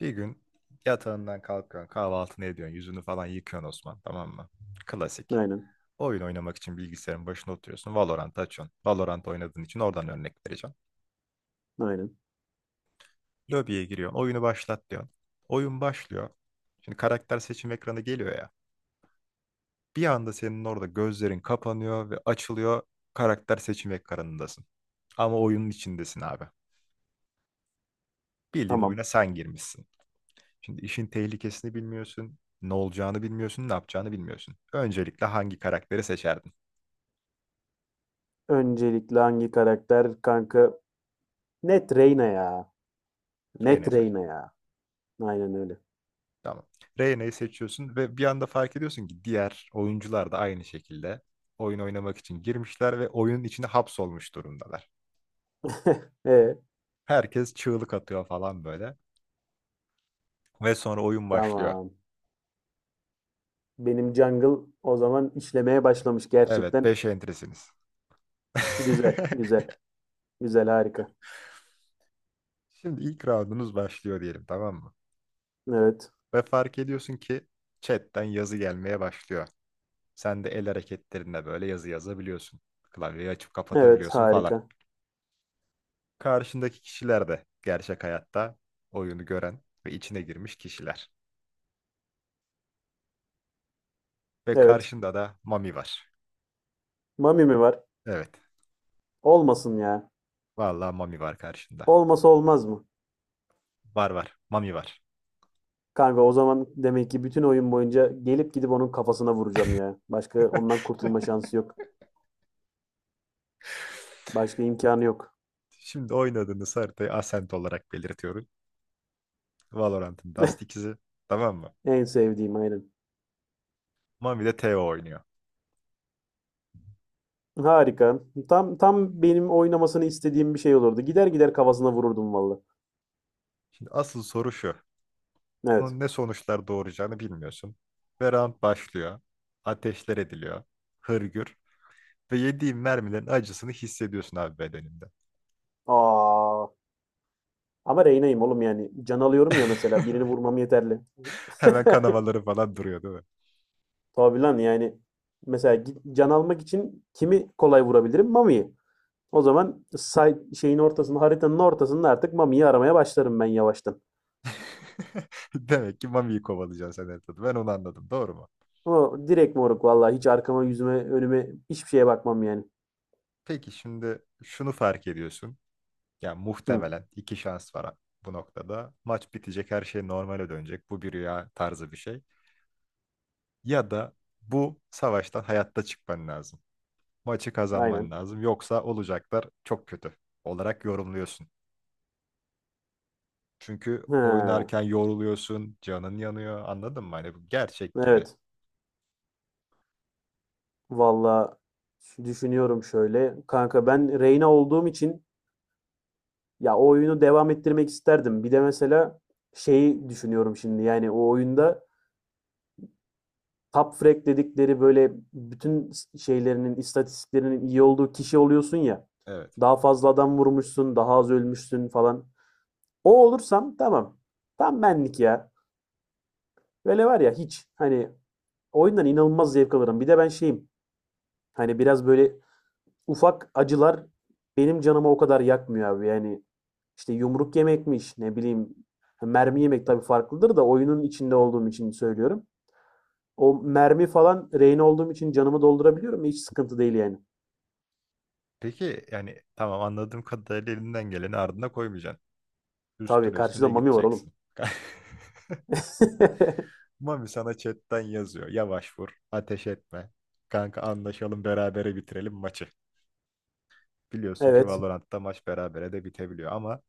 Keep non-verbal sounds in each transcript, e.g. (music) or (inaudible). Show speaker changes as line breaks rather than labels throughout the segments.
Bir gün yatağından kalkıyorsun, kahvaltını ediyorsun, yüzünü falan yıkıyorsun Osman, tamam mı? Klasik.
Aynen,
Oyun oynamak için bilgisayarın başına oturuyorsun, Valorant açıyorsun. Valorant oynadığın için oradan örnek vereceğim.
aynen.
Lobiye giriyorsun, oyunu başlat diyorsun. Oyun başlıyor. Şimdi karakter seçim ekranı geliyor ya. Bir anda senin orada gözlerin kapanıyor ve açılıyor, karakter seçim ekranındasın. Ama oyunun içindesin abi. Bildiğin
Tamam.
oyuna sen girmişsin. Şimdi işin tehlikesini bilmiyorsun, ne olacağını bilmiyorsun, ne yapacağını bilmiyorsun. Öncelikle hangi karakteri seçerdin?
Öncelikle hangi karakter kanka? Net Reyna ya.
Reyna'yı
Net
seç.
Reyna ya. Aynen öyle.
Tamam. Reyna'yı seçiyorsun ve bir anda fark ediyorsun ki diğer oyuncular da aynı şekilde oyun oynamak için girmişler ve oyunun içine hapsolmuş durumdalar.
(laughs) E,
Herkes çığlık atıyor falan böyle ve sonra oyun başlıyor.
tamam. Benim jungle o zaman işlemeye başlamış
Evet,
gerçekten.
5 entresiniz. (laughs)
Güzel, güzel. Güzel, harika.
Şimdi ilk roundunuz başlıyor diyelim, tamam mı?
Evet.
Ve fark ediyorsun ki chatten yazı gelmeye başlıyor. Sen de el hareketlerinle böyle yazı yazabiliyorsun. Klavyeyi açıp
Evet,
kapatabiliyorsun falan.
harika.
Karşındaki kişiler de gerçek hayatta oyunu gören ve içine girmiş kişiler. Ve
Evet.
karşında da Mami var.
Mami mi var?
Evet.
Olmasın ya.
Vallahi Mami var karşında.
Olmasa olmaz mı?
Var var. Mami var.
Kanka o zaman demek ki bütün oyun boyunca gelip gidip onun kafasına vuracağım ya. Başka ondan kurtulma şansı yok.
(laughs)
Başka imkanı yok.
Şimdi oynadığınız haritayı Ascent olarak belirtiyorum. Valorant'ın Dust 2'si. Tamam mı?
En sevdiğim aynen.
Mami de Teo oynuyor.
Harika. Tam tam benim oynamasını istediğim bir şey olurdu. Gider gider kafasına vururdum vallahi.
Şimdi asıl soru şu.
Evet.
Bunun ne sonuçlar doğuracağını bilmiyorsun. Ve round başlıyor. Ateşler ediliyor. Hırgür. Ve yediğin mermilerin acısını hissediyorsun abi bedeninde.
Aa. Ama Reyna'yım oğlum yani. Can alıyorum ya mesela birini
(laughs)
vurmam yeterli.
Hemen
(laughs)
kanamaları falan duruyor, değil mi?
Tabii lan yani. Mesela gi- can almak için kimi kolay vurabilirim? Mami'yi. O zaman say şeyin ortasında, haritanın ortasında artık Mami'yi aramaya başlarım ben yavaştan.
(laughs) Demek ki Mami'yi kovalayacaksın sen her türlü. Ben onu anladım. Doğru mu?
Ama direkt moruk vallahi hiç arkama, yüzüme, önüme hiçbir şeye bakmam yani.
Peki şimdi şunu fark ediyorsun. Ya
Hı,
muhtemelen iki şans var bu noktada. Maç bitecek, her şey normale dönecek. Bu bir rüya tarzı bir şey. Ya da bu savaştan hayatta çıkman lazım. Maçı kazanman
aynen.
lazım. Yoksa olacaklar çok kötü olarak yorumluyorsun. Çünkü
Ha,
oynarken yoruluyorsun, canın yanıyor. Anladın mı? Hani bu gerçek gibi.
evet. Valla, düşünüyorum şöyle. Kanka ben Reyna olduğum için ya o oyunu devam ettirmek isterdim. Bir de mesela şeyi düşünüyorum şimdi, yani o oyunda top frag dedikleri böyle bütün şeylerinin istatistiklerinin iyi olduğu kişi oluyorsun ya.
Evet.
Daha fazla adam vurmuşsun, daha az ölmüşsün falan. O olursam tamam. Tam benlik ya. Böyle var ya, hiç hani oyundan inanılmaz zevk alırım. Bir de ben şeyim, hani biraz böyle ufak acılar benim canımı o kadar yakmıyor abi. Yani işte yumruk yemekmiş, ne bileyim, mermi yemek tabii farklıdır da oyunun içinde olduğum için söylüyorum. O mermi falan rehine olduğum için canımı doldurabiliyorum. Hiç sıkıntı değil yani.
Peki yani tamam, anladığım kadarıyla elinden geleni ardına koymayacaksın.
Tabii
Üstüne
karşıda
üstüne
mami var oğlum.
gideceksin. (laughs)
(laughs)
Mami sana chatten yazıyor. Yavaş vur, ateş etme. Kanka anlaşalım, berabere bitirelim maçı. Biliyorsun ki
Evet,
Valorant'ta maç berabere de bitebiliyor ama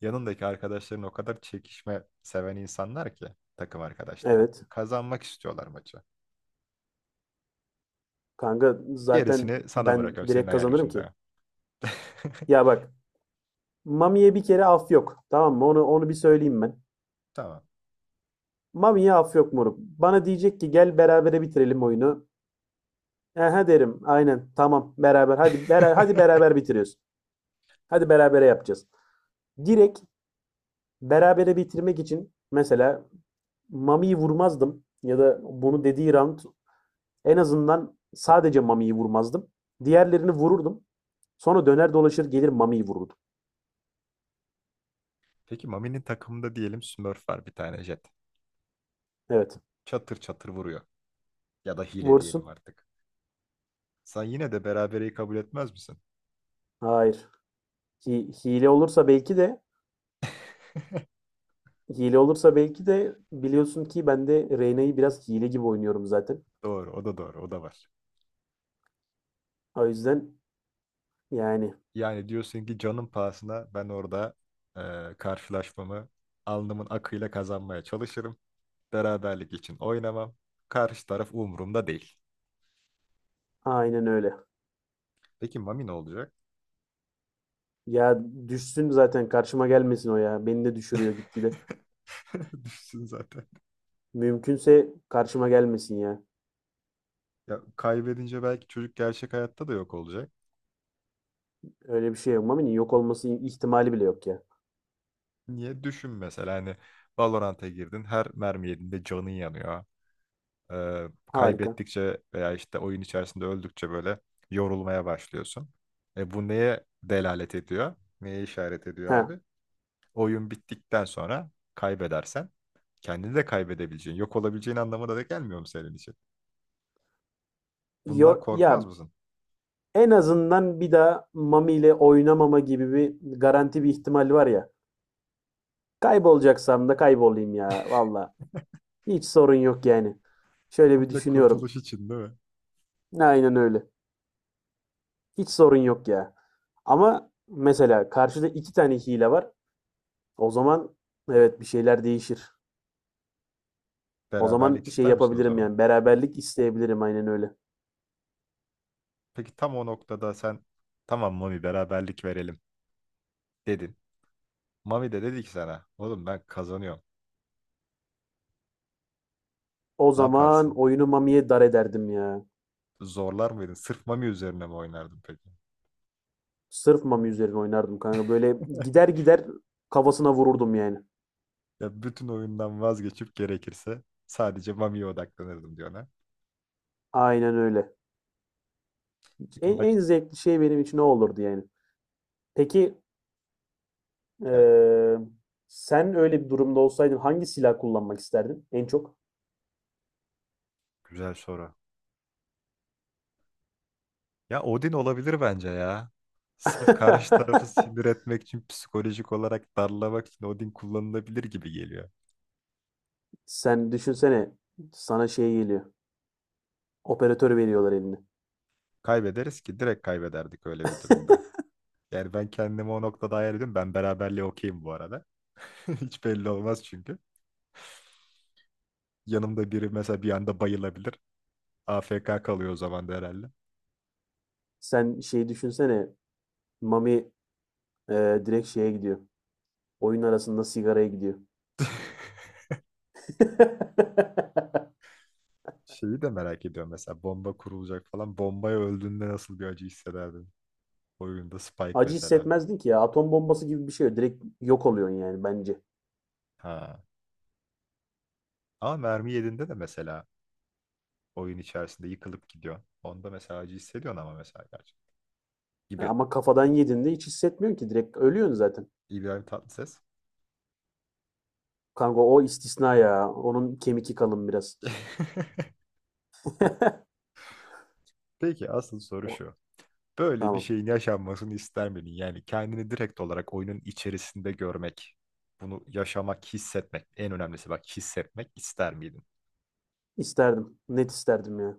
yanındaki arkadaşların o kadar çekişme seven insanlar ki, takım arkadaşların.
evet.
Kazanmak istiyorlar maçı.
Kanka zaten
Gerisini sana
ben
bırakıyorum, senin
direkt
hayal
kazanırım ki.
gücünde. (laughs)
Ya bak, Mami'ye bir kere af yok. Tamam mı? Onu bir söyleyeyim ben.
Tamam.
Mami'ye af yok moruk. Bana diyecek ki gel berabere bitirelim oyunu. Aha derim. Aynen. Tamam. Beraber. Hadi beraber hadi beraber
(laughs)
bitiriyoruz. Hadi berabere yapacağız. Direkt berabere bitirmek için mesela Mami'yi vurmazdım ya da bunu dediği round en azından sadece Mami'yi vurmazdım. Diğerlerini vururdum. Sonra döner dolaşır gelir Mami'yi vururdum.
Peki Mami'nin takımında diyelim Smurf var, bir tane Jet.
Evet.
Çatır çatır vuruyor. Ya da hile diyelim
Vursun.
artık. Sen yine de berabereyi kabul etmez misin?
Hayır. Hi- hile olursa belki de hile olursa belki de biliyorsun ki ben de Reyna'yı biraz hile gibi oynuyorum zaten.
Doğru, o da doğru, o da var.
O yüzden yani
Yani diyorsun ki canın pahasına ben orada karşılaşmamı alnımın akıyla kazanmaya çalışırım. Beraberlik için oynamam. Karşı taraf umurumda değil.
aynen öyle.
Peki Mami ne olacak?
Ya düşsün zaten, karşıma gelmesin o ya. Beni de düşürüyor gitgide.
(laughs) Düşsün zaten.
Mümkünse karşıma gelmesin ya.
Ya kaybedince belki çocuk gerçek hayatta da yok olacak.
Öyle bir şey yok. Mami'nin yok olması ihtimali bile yok ya.
Niye? Düşün mesela, hani Valorant'a girdin, her mermi yediğinde canın yanıyor. Ee,
Harika.
kaybettikçe veya işte oyun içerisinde öldükçe böyle yorulmaya başlıyorsun. Bu neye delalet ediyor? Neye işaret ediyor
Ha.
abi? Oyun bittikten sonra kaybedersen kendini de kaybedebileceğin, yok olabileceğin anlamına da gelmiyor mu senin için? Bundan
Yo,
korkmaz
ya
mısın?
en azından bir daha Mami ile oynamama gibi bir garanti bir ihtimal var ya. Kaybolacaksam da kaybolayım ya. Valla. Hiç sorun yok yani. Şöyle bir
Komple
düşünüyorum.
kurtuluş için değil mi?
Aynen öyle. Hiç sorun yok ya. Ama mesela karşıda iki tane hile var. O zaman evet bir şeyler değişir. O zaman
Beraberlik
şey
ister misin o
yapabilirim,
zaman?
yani beraberlik isteyebilirim aynen öyle.
Peki tam o noktada sen, tamam Mami beraberlik verelim dedin. Mami de dedi ki sana, oğlum ben kazanıyorum.
O
Ne
zaman
yaparsın?
oyunu Mami'ye dar ederdim ya.
Zorlar mıydın? Sırf Mami üzerine mi oynardın peki? (laughs)
Sırf Mami üzerine oynardım kanka. Böyle gider gider kafasına vururdum yani.
Ya bütün oyundan vazgeçip gerekirse sadece Mami'ye odaklanırdım diyor ona.
Aynen öyle.
Peki
En,
maç,
en zevkli şey benim için o olurdu yani. Peki
evet,
eee, sen öyle bir durumda olsaydın hangi silah kullanmak isterdin en çok?
güzel soru. Ya Odin olabilir bence ya. Sırf karşı tarafı
(laughs)
sinir etmek için, psikolojik olarak darlamak için Odin kullanılabilir gibi geliyor.
Sen düşünsene sana şey geliyor. Operatör veriyorlar eline.
Kaybederiz ki, direkt kaybederdik öyle bir durumda.
(laughs)
Yani ben kendimi o noktada hayal ediyorum. Ben beraberliğe okeyim bu arada. (laughs) Hiç belli olmaz çünkü. Yanımda biri mesela bir anda bayılabilir. A F K kalıyor o zaman da herhalde.
Sen şey düşünsene Mami direkt şeye gidiyor. Oyun arasında sigaraya gidiyor. (laughs)
Şeyi de merak ediyorum, mesela bomba kurulacak falan. Bombaya öldüğünde nasıl bir acı hissederdin? Oyunda Spike
Acı
mesela.
hissetmezdin ki ya. Atom bombası gibi bir şey. Direkt yok oluyorsun yani bence.
Ha. Ama mermi yediğinde de mesela oyun içerisinde yıkılıp gidiyor. Onda mesela acı hissediyorsun ama mesela gerçi. Gibi.
Ama kafadan yediğinde hiç hissetmiyorsun ki. Direkt ölüyorsun zaten.
İbrahim Tatlıses.
Kanka o istisna ya. Onun kemiki kalın biraz.
(laughs) Peki asıl soru
O-
şu. Böyle bir
Tamam.
şeyin yaşanmasını ister miydin? Yani kendini direkt olarak oyunun içerisinde görmek, bunu yaşamak, hissetmek, en önemlisi bak hissetmek ister miydin?
İsterdim. Net isterdim ya.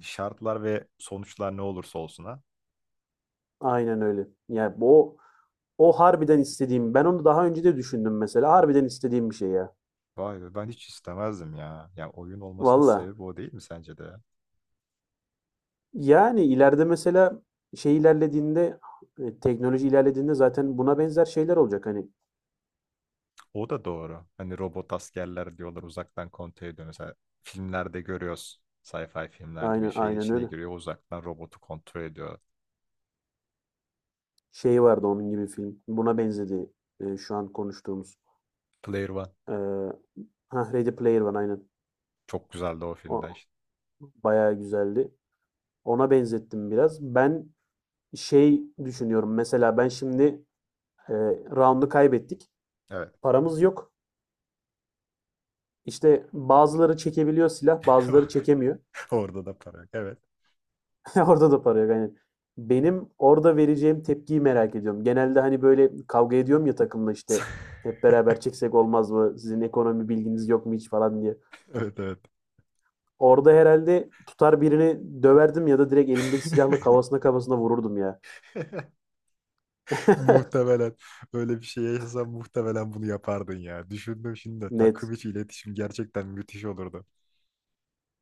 Şartlar ve sonuçlar ne olursa olsun ha.
Aynen öyle. Ya bu o, o harbiden istediğim. Ben onu daha önce de düşündüm mesela. Harbiden istediğim bir şey ya.
Vay be, ben hiç istemezdim ya. Ya oyun olmasının
Valla.
sebebi o değil mi sence de?
Yani ileride mesela şey ilerlediğinde teknoloji ilerlediğinde zaten buna benzer şeyler olacak. Hani
O da doğru. Hani robot askerler diyorlar, uzaktan kontrol ediyor. Mesela filmlerde görüyoruz. Sci-fi filmlerde bir
aynen,
şeyin
aynen
içine
öyle.
giriyor, uzaktan robotu kontrol ediyor.
Şey vardı onun gibi film. Buna benzedi şu an konuştuğumuz.
Player One
Ee, Ready Player One aynen.
çok güzeldi o filmde
O
işte.
bayağı güzeldi. Ona benzettim biraz. Ben şey düşünüyorum. Mesela ben şimdi e, round'u kaybettik.
Evet.
Paramız yok. İşte bazıları çekebiliyor silah, bazıları çekemiyor.
(laughs) Orada da para yok. Evet.
(laughs) Orada da para yok aynen. Benim orada vereceğim tepkiyi merak ediyorum. Genelde hani böyle kavga ediyorum ya takımla işte
(laughs)
hep beraber çeksek olmaz mı? Sizin ekonomi bilginiz yok mu hiç falan diye.
Evet evet.
Orada herhalde tutar birini döverdim ya da direkt elimdeki silahla kafasına
(laughs)
kafasına vururdum ya. (laughs)
Muhtemelen öyle bir şey yaşasan muhtemelen bunu yapardın ya. Düşündüm şimdi de,
Net.
takım içi iletişim gerçekten müthiş olurdu.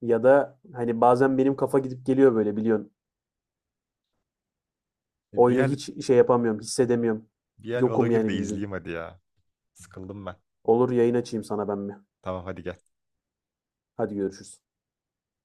Ya da hani bazen benim kafa gidip geliyor böyle biliyorsun.
Bir
Oyunu
el,
hiç şey yapamıyorum, hissedemiyorum.
bir el Valor'u
Yokum
gir
yani
de
bildiğin.
izleyeyim hadi ya. Sıkıldım ben.
Olur, yayın açayım sana ben mi?
Tamam hadi gel.
Hadi görüşürüz.